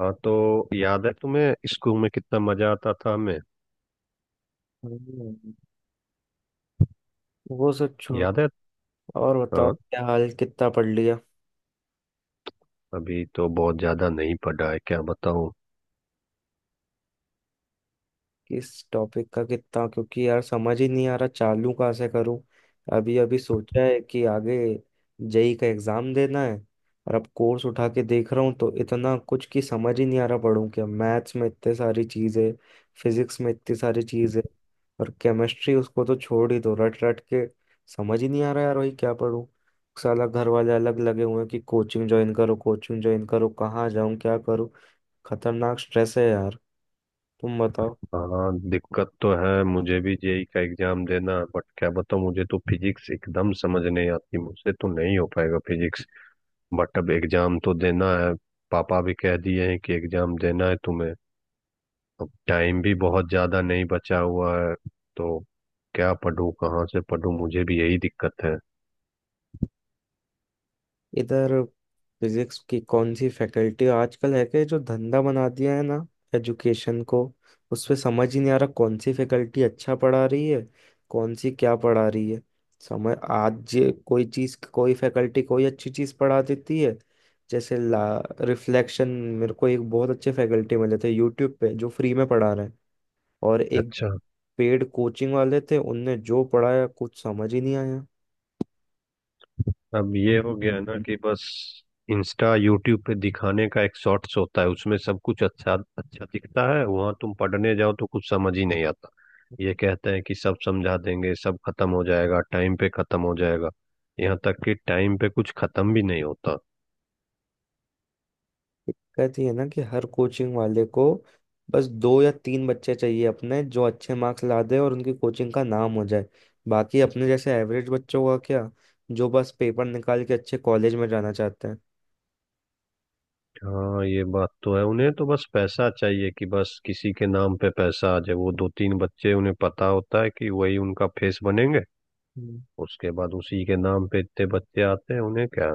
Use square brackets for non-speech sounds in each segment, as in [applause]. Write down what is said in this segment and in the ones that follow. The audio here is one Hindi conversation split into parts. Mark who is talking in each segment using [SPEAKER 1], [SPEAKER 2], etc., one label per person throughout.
[SPEAKER 1] हाँ, तो याद है तुम्हें स्कूल में कितना मजा आता था हमें।
[SPEAKER 2] हम्म, वो सब
[SPEAKER 1] याद
[SPEAKER 2] छोड़ो।
[SPEAKER 1] है।
[SPEAKER 2] और बताओ
[SPEAKER 1] हाँ,
[SPEAKER 2] क्या हाल, कितना पढ़ लिया?
[SPEAKER 1] अभी तो बहुत ज्यादा नहीं पढ़ा है, क्या बताऊँ।
[SPEAKER 2] किस टॉपिक का कितना, क्योंकि यार समझ ही नहीं आ रहा चालू कहाँ से करूं। अभी अभी सोचा है कि आगे जेई का एग्जाम देना है। और अब कोर्स उठा के देख रहा हूँ तो इतना कुछ की समझ ही नहीं आ रहा पढ़ूं क्या। मैथ्स में इतने सारी चीजें, फिजिक्स में इतनी सारी चीजें, और केमिस्ट्री उसको तो छोड़ ही दो, रट रट के। समझ ही नहीं आ रहा यार वही क्या पढ़ूं। साला घर वाले अलग लगे हुए हैं कि कोचिंग ज्वाइन करो कोचिंग ज्वाइन करो। कहाँ जाऊं क्या करूं। खतरनाक स्ट्रेस है यार। तुम बताओ।
[SPEAKER 1] हाँ, दिक्कत तो है मुझे भी जेई का एग्जाम देना, बट क्या बताऊँ, मुझे तो फिजिक्स एकदम समझ नहीं आती, मुझसे तो नहीं हो पाएगा फिजिक्स। बट अब एग्जाम तो देना है। पापा भी कह दिए हैं कि एग्जाम देना है तुम्हें। अब टाइम भी बहुत ज्यादा नहीं बचा हुआ है, तो क्या पढूं, कहाँ से पढूं, मुझे भी यही दिक्कत है।
[SPEAKER 2] इधर फिजिक्स की कौन सी फैकल्टी आजकल है कि जो धंधा बना दिया है ना एजुकेशन को, उस पे समझ ही नहीं आ रहा कौन सी फैकल्टी अच्छा पढ़ा रही है, कौन सी क्या पढ़ा रही है। समझ आज ये कोई चीज कोई फैकल्टी कोई अच्छी चीज पढ़ा देती है जैसे ला रिफ्लेक्शन। मेरे को एक बहुत अच्छे फैकल्टी मिले थे यूट्यूब पे, जो फ्री में पढ़ा रहे हैं। और एक
[SPEAKER 1] अच्छा,
[SPEAKER 2] पेड कोचिंग वाले थे, उनने जो पढ़ाया कुछ समझ ही नहीं आया।
[SPEAKER 1] अब ये हो गया ना कि बस इंस्टा यूट्यूब पे दिखाने का एक शॉर्ट्स होता है, उसमें सब कुछ अच्छा अच्छा दिखता है, वहां तुम पढ़ने जाओ तो कुछ समझ ही नहीं आता। ये कहते हैं कि सब समझा देंगे, सब खत्म हो जाएगा, टाइम पे खत्म हो जाएगा, यहाँ तक कि टाइम पे कुछ खत्म भी नहीं होता।
[SPEAKER 2] दिक्कत ये है ना कि हर कोचिंग वाले को बस दो या तीन बच्चे चाहिए अपने, जो अच्छे मार्क्स ला दे और उनकी कोचिंग का नाम हो जाए। बाकी अपने जैसे एवरेज बच्चों का क्या, जो बस पेपर निकाल के अच्छे कॉलेज में जाना चाहते हैं।
[SPEAKER 1] हाँ, ये बात तो है, उन्हें तो बस पैसा चाहिए, कि बस किसी के नाम पे पैसा आ जाए, वो दो तीन बच्चे उन्हें पता होता है कि वही उनका फेस बनेंगे।
[SPEAKER 2] हम्म,
[SPEAKER 1] उसके बाद उसी के नाम पे इतने बच्चे आते हैं, उन्हें क्या।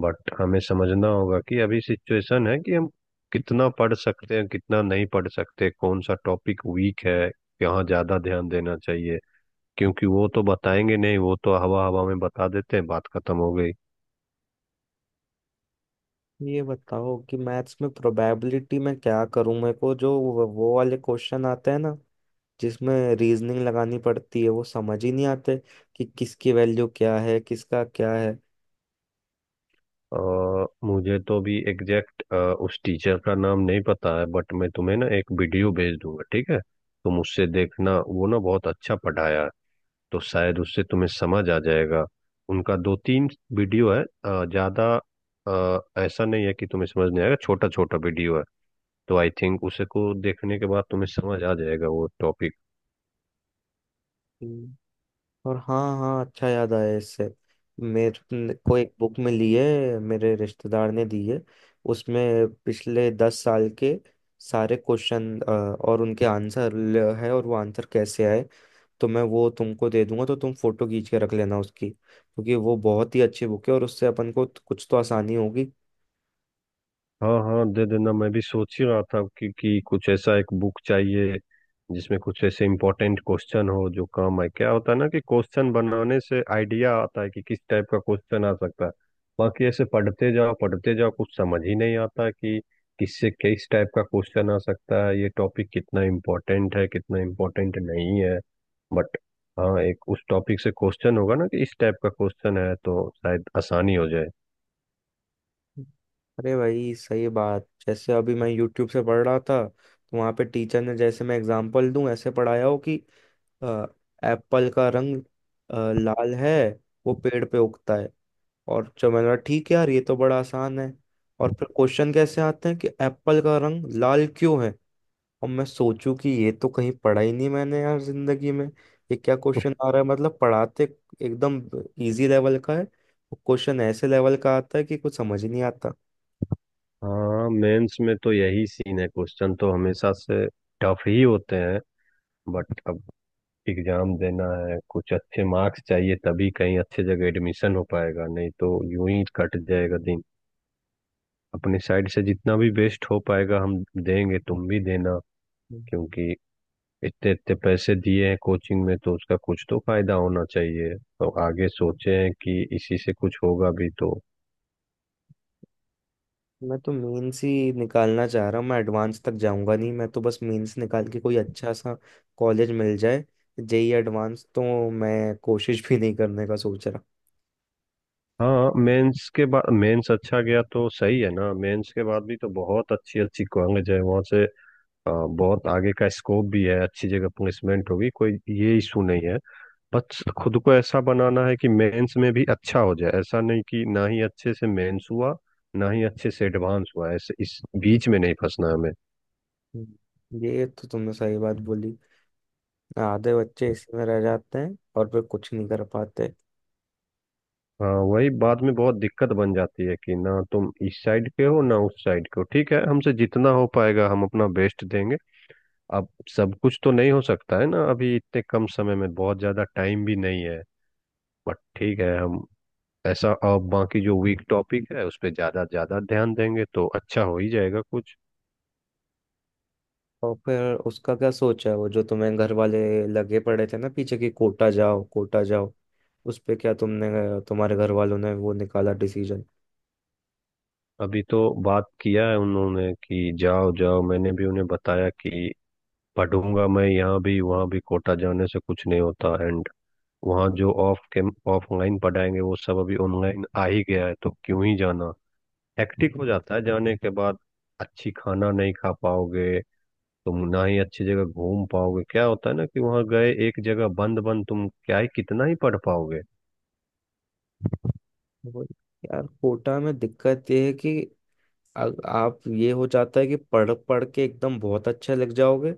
[SPEAKER 1] बट हमें समझना होगा कि अभी सिचुएशन है कि हम कितना पढ़ सकते हैं, कितना नहीं पढ़ सकते, कौन सा टॉपिक वीक है, यहाँ ज्यादा ध्यान देना चाहिए। क्योंकि वो तो बताएंगे नहीं, वो तो हवा हवा में बता देते हैं, बात खत्म हो गई।
[SPEAKER 2] ये बताओ कि मैथ्स में प्रोबेबिलिटी में क्या करूं। मेरे को जो वो वाले क्वेश्चन आते हैं ना, जिसमें रीजनिंग लगानी पड़ती है वो समझ ही नहीं आते कि किसकी वैल्यू क्या है, किसका क्या
[SPEAKER 1] और मुझे तो भी एग्जैक्ट उस टीचर का नाम नहीं पता है, बट मैं तुम्हें ना एक वीडियो भेज दूंगा, ठीक है। तुम उससे देखना, वो ना बहुत अच्छा पढ़ाया है, तो शायद उससे तुम्हें समझ आ जाएगा। उनका दो तीन वीडियो है, ज्यादा ऐसा नहीं है कि तुम्हें समझ नहीं आएगा, छोटा छोटा वीडियो है, तो आई थिंक उसे को देखने के बाद तुम्हें समझ आ जाएगा वो टॉपिक।
[SPEAKER 2] है। और हाँ हाँ अच्छा याद आया इससे, मेरे को एक बुक मिली है, मेरे रिश्तेदार ने दी है। उसमें पिछले 10 साल के सारे क्वेश्चन और उनके आंसर है, और वो आंसर कैसे आए। तो मैं वो तुमको दे दूंगा तो तुम फोटो खींच के रख लेना उसकी, क्योंकि वो बहुत ही अच्छी बुक है और उससे अपन को कुछ तो आसानी होगी।
[SPEAKER 1] हाँ हाँ, दे देना, मैं भी सोच ही रहा था कि कुछ ऐसा एक बुक चाहिए जिसमें कुछ ऐसे इम्पोर्टेंट क्वेश्चन हो जो काम आए। क्या होता है ना कि क्वेश्चन बनाने से आइडिया आता है कि किस टाइप का क्वेश्चन आ सकता है। बाकी ऐसे पढ़ते जाओ कुछ समझ ही नहीं आता कि किससे किस टाइप का क्वेश्चन आ सकता है, ये टॉपिक कितना इम्पोर्टेंट है, कितना इम्पोर्टेंट नहीं है। बट हाँ, एक उस टॉपिक से क्वेश्चन होगा ना कि इस टाइप का क्वेश्चन है, तो शायद आसानी हो जाए।
[SPEAKER 2] अरे भाई सही बात, जैसे अभी मैं YouTube से पढ़ रहा था तो वहाँ पे टीचर ने, जैसे मैं एग्जांपल दूं, ऐसे पढ़ाया हो कि एप्पल का रंग लाल है, वो पेड़ पे उगता है। और जो मैंने कहा ठीक है यार ये तो बड़ा आसान है। और फिर क्वेश्चन कैसे आते हैं कि एप्पल का रंग लाल क्यों है? और मैं सोचूं कि ये तो कहीं पढ़ा ही नहीं मैंने यार जिंदगी में। ये क्या क्वेश्चन आ रहा है, मतलब पढ़ाते एकदम इजी लेवल का है, क्वेश्चन ऐसे लेवल का आता है कि कुछ समझ ही नहीं आता।
[SPEAKER 1] हाँ, मेंस में तो यही सीन है, क्वेश्चन तो हमेशा से टफ ही होते हैं। बट अब एग्जाम देना है, कुछ अच्छे मार्क्स चाहिए, तभी कहीं अच्छे जगह एडमिशन हो पाएगा, नहीं तो यूं ही कट जाएगा दिन। अपनी साइड से जितना भी बेस्ट हो पाएगा हम देंगे, तुम भी देना, क्योंकि इतने इतने पैसे दिए हैं कोचिंग में, तो उसका कुछ तो फायदा होना चाहिए, तो आगे सोचे हैं कि इसी से कुछ होगा भी तो।
[SPEAKER 2] मैं तो मेंस ही निकालना चाह रहा हूँ। मैं एडवांस तक जाऊंगा नहीं, मैं तो बस मेंस निकाल के कोई अच्छा सा कॉलेज मिल जाए। जेई एडवांस तो मैं कोशिश भी नहीं करने का सोच रहा।
[SPEAKER 1] हाँ, मेंस के बाद, मेंस अच्छा गया तो सही है ना, मेंस के बाद भी तो बहुत अच्छी अच्छी कॉलेज है, वहाँ से बहुत आगे का स्कोप भी है, अच्छी जगह प्लेसमेंट होगी, कोई ये इशू नहीं है। बस खुद को ऐसा बनाना है कि मेंस में भी अच्छा हो जाए, ऐसा नहीं कि ना ही अच्छे से मेंस हुआ, ना ही अच्छे से एडवांस हुआ, ऐसे इस बीच में नहीं फंसना हमें।
[SPEAKER 2] ये तो तुमने सही बात बोली। आधे बच्चे इसी में रह जाते हैं और फिर कुछ नहीं कर पाते।
[SPEAKER 1] हाँ, वही बाद में बहुत दिक्कत बन जाती है कि ना तुम इस साइड के हो ना उस साइड के हो। ठीक है, हमसे जितना हो पाएगा हम अपना बेस्ट देंगे। अब सब कुछ तो नहीं हो सकता है ना, अभी इतने कम समय में बहुत ज्यादा टाइम भी नहीं है। बट ठीक है, हम ऐसा अब बाकी जो वीक टॉपिक है उस पे ज्यादा ज्यादा ध्यान देंगे, तो अच्छा हो ही जाएगा कुछ।
[SPEAKER 2] और फिर उसका क्या सोचा है वो, जो तुम्हें घर वाले लगे पड़े थे ना पीछे कि कोटा जाओ कोटा जाओ, उस पे क्या तुमने, तुम्हारे घर वालों ने वो निकाला डिसीजन?
[SPEAKER 1] अभी तो बात किया है उन्होंने कि जाओ जाओ, मैंने भी उन्हें बताया कि पढ़ूंगा मैं यहाँ भी वहाँ भी, कोटा जाने से कुछ नहीं होता। एंड वहाँ जो ऑफ के ऑफलाइन पढ़ाएंगे वो सब अभी ऑनलाइन आ ही गया है, तो क्यों ही जाना। हेक्टिक हो जाता है जाने के बाद, अच्छी खाना नहीं खा पाओगे तुम, ना ही अच्छी जगह घूम पाओगे। क्या होता है ना कि वहां गए एक जगह बंद बंद, तुम क्या ही कितना ही पढ़ पाओगे।
[SPEAKER 2] वही यार कोटा में दिक्कत ये है कि आप ये हो जाता है कि पढ़ पढ़ के एकदम बहुत अच्छे लग जाओगे।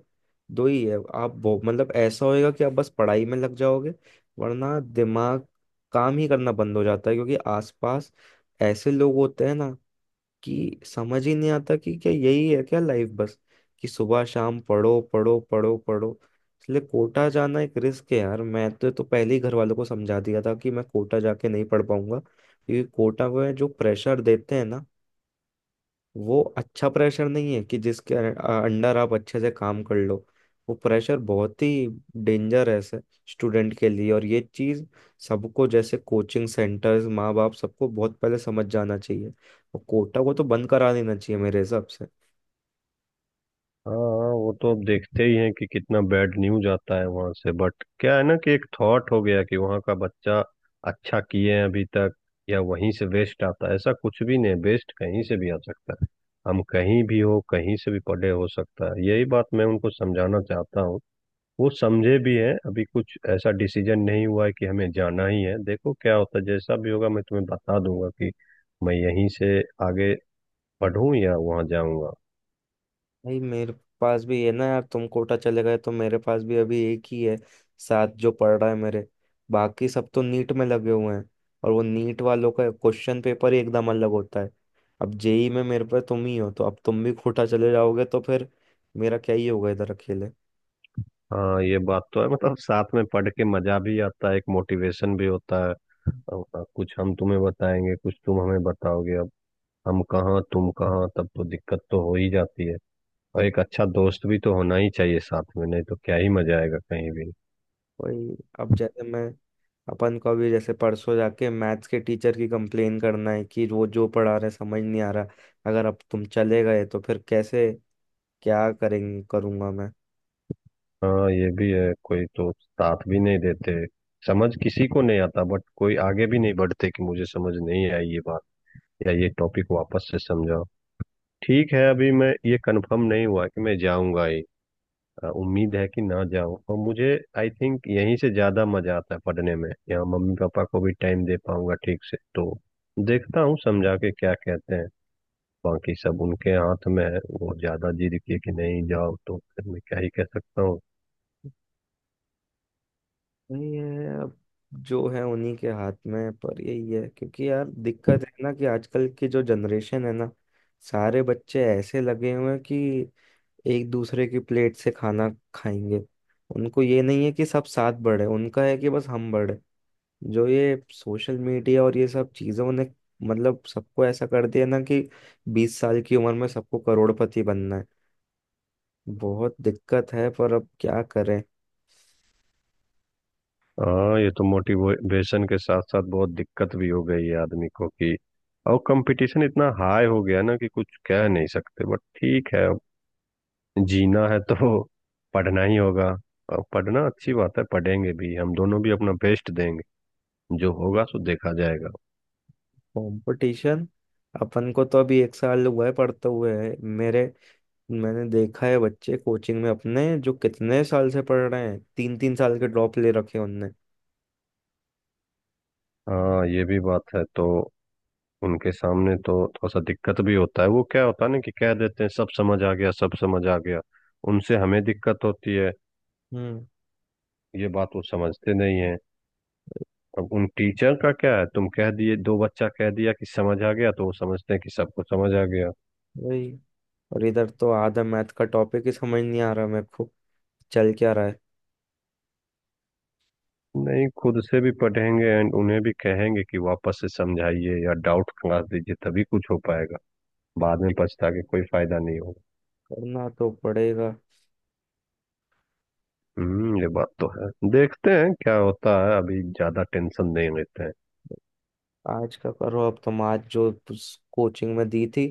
[SPEAKER 2] दो ही है आप मतलब ऐसा होएगा कि आप बस पढ़ाई में लग जाओगे, वरना दिमाग काम ही करना बंद हो जाता है, क्योंकि आसपास ऐसे लोग होते हैं ना कि समझ ही नहीं आता कि क्या यही है क्या लाइफ, बस कि सुबह शाम पढ़ो पढ़ो पढ़ो पढ़ो। इसलिए कोटा जाना एक रिस्क है यार, मैं तो पहले ही घर वालों को समझा दिया था कि मैं कोटा जाके नहीं पढ़ पाऊंगा, क्योंकि कोटा में जो प्रेशर देते हैं ना, वो अच्छा प्रेशर नहीं है कि जिसके अंडर आप अच्छे से काम कर लो। वो प्रेशर बहुत ही डेंजरस है स्टूडेंट के लिए, और ये चीज़ सबको, जैसे कोचिंग सेंटर्स, माँ बाप, सबको बहुत पहले समझ जाना चाहिए। और कोटा को तो बंद करा देना चाहिए मेरे हिसाब से।
[SPEAKER 1] हाँ हाँ, वो तो अब देखते ही हैं कि कितना बैड न्यूज आता है वहां से, बट क्या है ना कि एक थॉट हो गया कि वहां का बच्चा अच्छा किए हैं अभी तक, या वहीं से वेस्ट आता है, ऐसा कुछ भी नहीं, वेस्ट कहीं से भी आ सकता है, हम कहीं भी हो कहीं से भी पढ़े हो सकता है। यही बात मैं उनको समझाना चाहता हूँ, वो समझे भी हैं। अभी कुछ ऐसा डिसीजन नहीं हुआ है कि हमें जाना ही है, देखो क्या होता है, जैसा भी होगा मैं तुम्हें बता दूंगा कि मैं यहीं से आगे पढ़ूं या वहां जाऊंगा।
[SPEAKER 2] भाई मेरे पास भी है ना यार, तुम कोटा चले गए तो मेरे पास भी अभी एक ही है साथ जो पढ़ रहा है मेरे, बाकी सब तो नीट में लगे हुए हैं। और वो नीट वालों का क्वेश्चन पेपर ही एकदम अलग होता है। अब जेई में मेरे पे तुम ही हो, तो अब तुम भी कोटा चले जाओगे तो फिर मेरा क्या ही होगा इधर अकेले।
[SPEAKER 1] हाँ, ये बात तो है, मतलब साथ में पढ़ के मजा भी आता है, एक मोटिवेशन भी होता है, अब कुछ हम तुम्हें बताएंगे, कुछ तुम हमें बताओगे। अब हम कहाँ तुम कहाँ, तब तो दिक्कत तो हो ही जाती है। और एक अच्छा दोस्त भी तो होना ही चाहिए साथ में, नहीं तो क्या ही मजा आएगा कहीं भी।
[SPEAKER 2] वही अब जैसे मैं अपन को अभी जैसे परसों जाके मैथ्स के टीचर की कंप्लेन करना है कि वो जो पढ़ा रहे समझ नहीं आ रहा, अगर अब तुम चले गए तो फिर कैसे क्या करेंगे करूंगा मैं।
[SPEAKER 1] हाँ, ये भी है, कोई तो साथ भी नहीं देते, समझ किसी को नहीं आता, बट कोई आगे भी नहीं बढ़ते कि मुझे समझ नहीं आई ये बात, या ये टॉपिक वापस से समझाओ। ठीक है, अभी मैं ये कंफर्म नहीं हुआ कि मैं जाऊंगा ही, उम्मीद है कि ना जाऊं। और मुझे आई थिंक यहीं से ज्यादा मजा आता है पढ़ने में, यहाँ मम्मी पापा को भी टाइम दे पाऊंगा ठीक से, तो देखता हूँ समझा के क्या कहते हैं, बाकी सब उनके हाथ में है। वो ज्यादा जिद किए कि नहीं, जाओ, तो फिर मैं क्या ही कह सकता हूँ।
[SPEAKER 2] नहीं है अब, जो है उन्हीं के हाथ में है, पर यही है क्योंकि यार दिक्कत है ना कि आजकल की जो जनरेशन है ना, सारे बच्चे ऐसे लगे हुए हैं कि एक दूसरे की प्लेट से खाना खाएंगे। उनको ये नहीं है कि सब साथ बढ़े, उनका है कि बस हम बढ़े। जो ये सोशल मीडिया और ये सब चीज़ों ने मतलब सबको ऐसा कर दिया ना कि 20 साल की उम्र में सबको करोड़पति बनना है। बहुत दिक्कत है पर अब क्या करें।
[SPEAKER 1] हाँ, ये तो मोटिवेशन के साथ साथ बहुत दिक्कत भी हो गई है आदमी को कि, और कंपटीशन इतना हाई हो गया ना, कि कुछ कह नहीं सकते। बट ठीक है, अब जीना है तो [laughs] पढ़ना ही होगा। और पढ़ना अच्छी बात है, पढ़ेंगे भी, हम दोनों भी अपना बेस्ट देंगे, जो होगा सो देखा जाएगा।
[SPEAKER 2] कंपटीशन अपन को तो, अभी एक साल हुआ है पढ़ते हुए है मेरे। मैंने देखा है बच्चे कोचिंग में अपने जो कितने साल से पढ़ रहे हैं, तीन तीन साल के ड्रॉप ले रखे हैं उनने।
[SPEAKER 1] हाँ, ये भी बात है, तो उनके सामने तो थोड़ा सा दिक्कत भी होता है। वो क्या होता है ना कि कह देते हैं सब समझ आ गया, सब समझ आ गया, उनसे हमें दिक्कत होती है।
[SPEAKER 2] हम्म
[SPEAKER 1] ये बात वो समझते नहीं है। अब उन टीचर का क्या है, तुम कह दिए, दो बच्चा कह दिया कि समझ आ गया, तो वो समझते हैं कि सबको समझ आ गया।
[SPEAKER 2] वही, और इधर तो आधा मैथ का टॉपिक ही समझ नहीं आ रहा मेरे को चल क्या रहा है।
[SPEAKER 1] नहीं, खुद से भी पढ़ेंगे, एंड उन्हें भी कहेंगे कि वापस से समझाइए या डाउट क्लास दीजिए, तभी कुछ हो पाएगा, बाद में पछता के कोई फायदा नहीं होगा।
[SPEAKER 2] करना तो पड़ेगा।
[SPEAKER 1] हम्म, ये बात तो है, देखते हैं क्या होता है, अभी ज्यादा टेंशन नहीं लेते हैं।
[SPEAKER 2] आज का करो, अब तुम आज जो कोचिंग में दी थी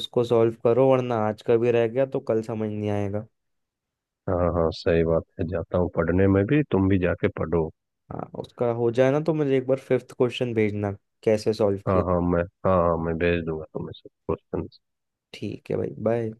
[SPEAKER 2] उसको सॉल्व करो, वरना आज का भी रह गया तो कल समझ नहीं आएगा।
[SPEAKER 1] हाँ हाँ, सही बात है, जाता हूँ पढ़ने में, भी तुम भी जाके पढ़ो।
[SPEAKER 2] हाँ उसका हो जाए ना तो मुझे एक बार फिफ्थ क्वेश्चन भेजना कैसे सॉल्व
[SPEAKER 1] हाँ
[SPEAKER 2] किया।
[SPEAKER 1] हाँ, मैं भेज दूंगा तुम्हें सब क्वेश्चन।
[SPEAKER 2] ठीक है भाई बाय।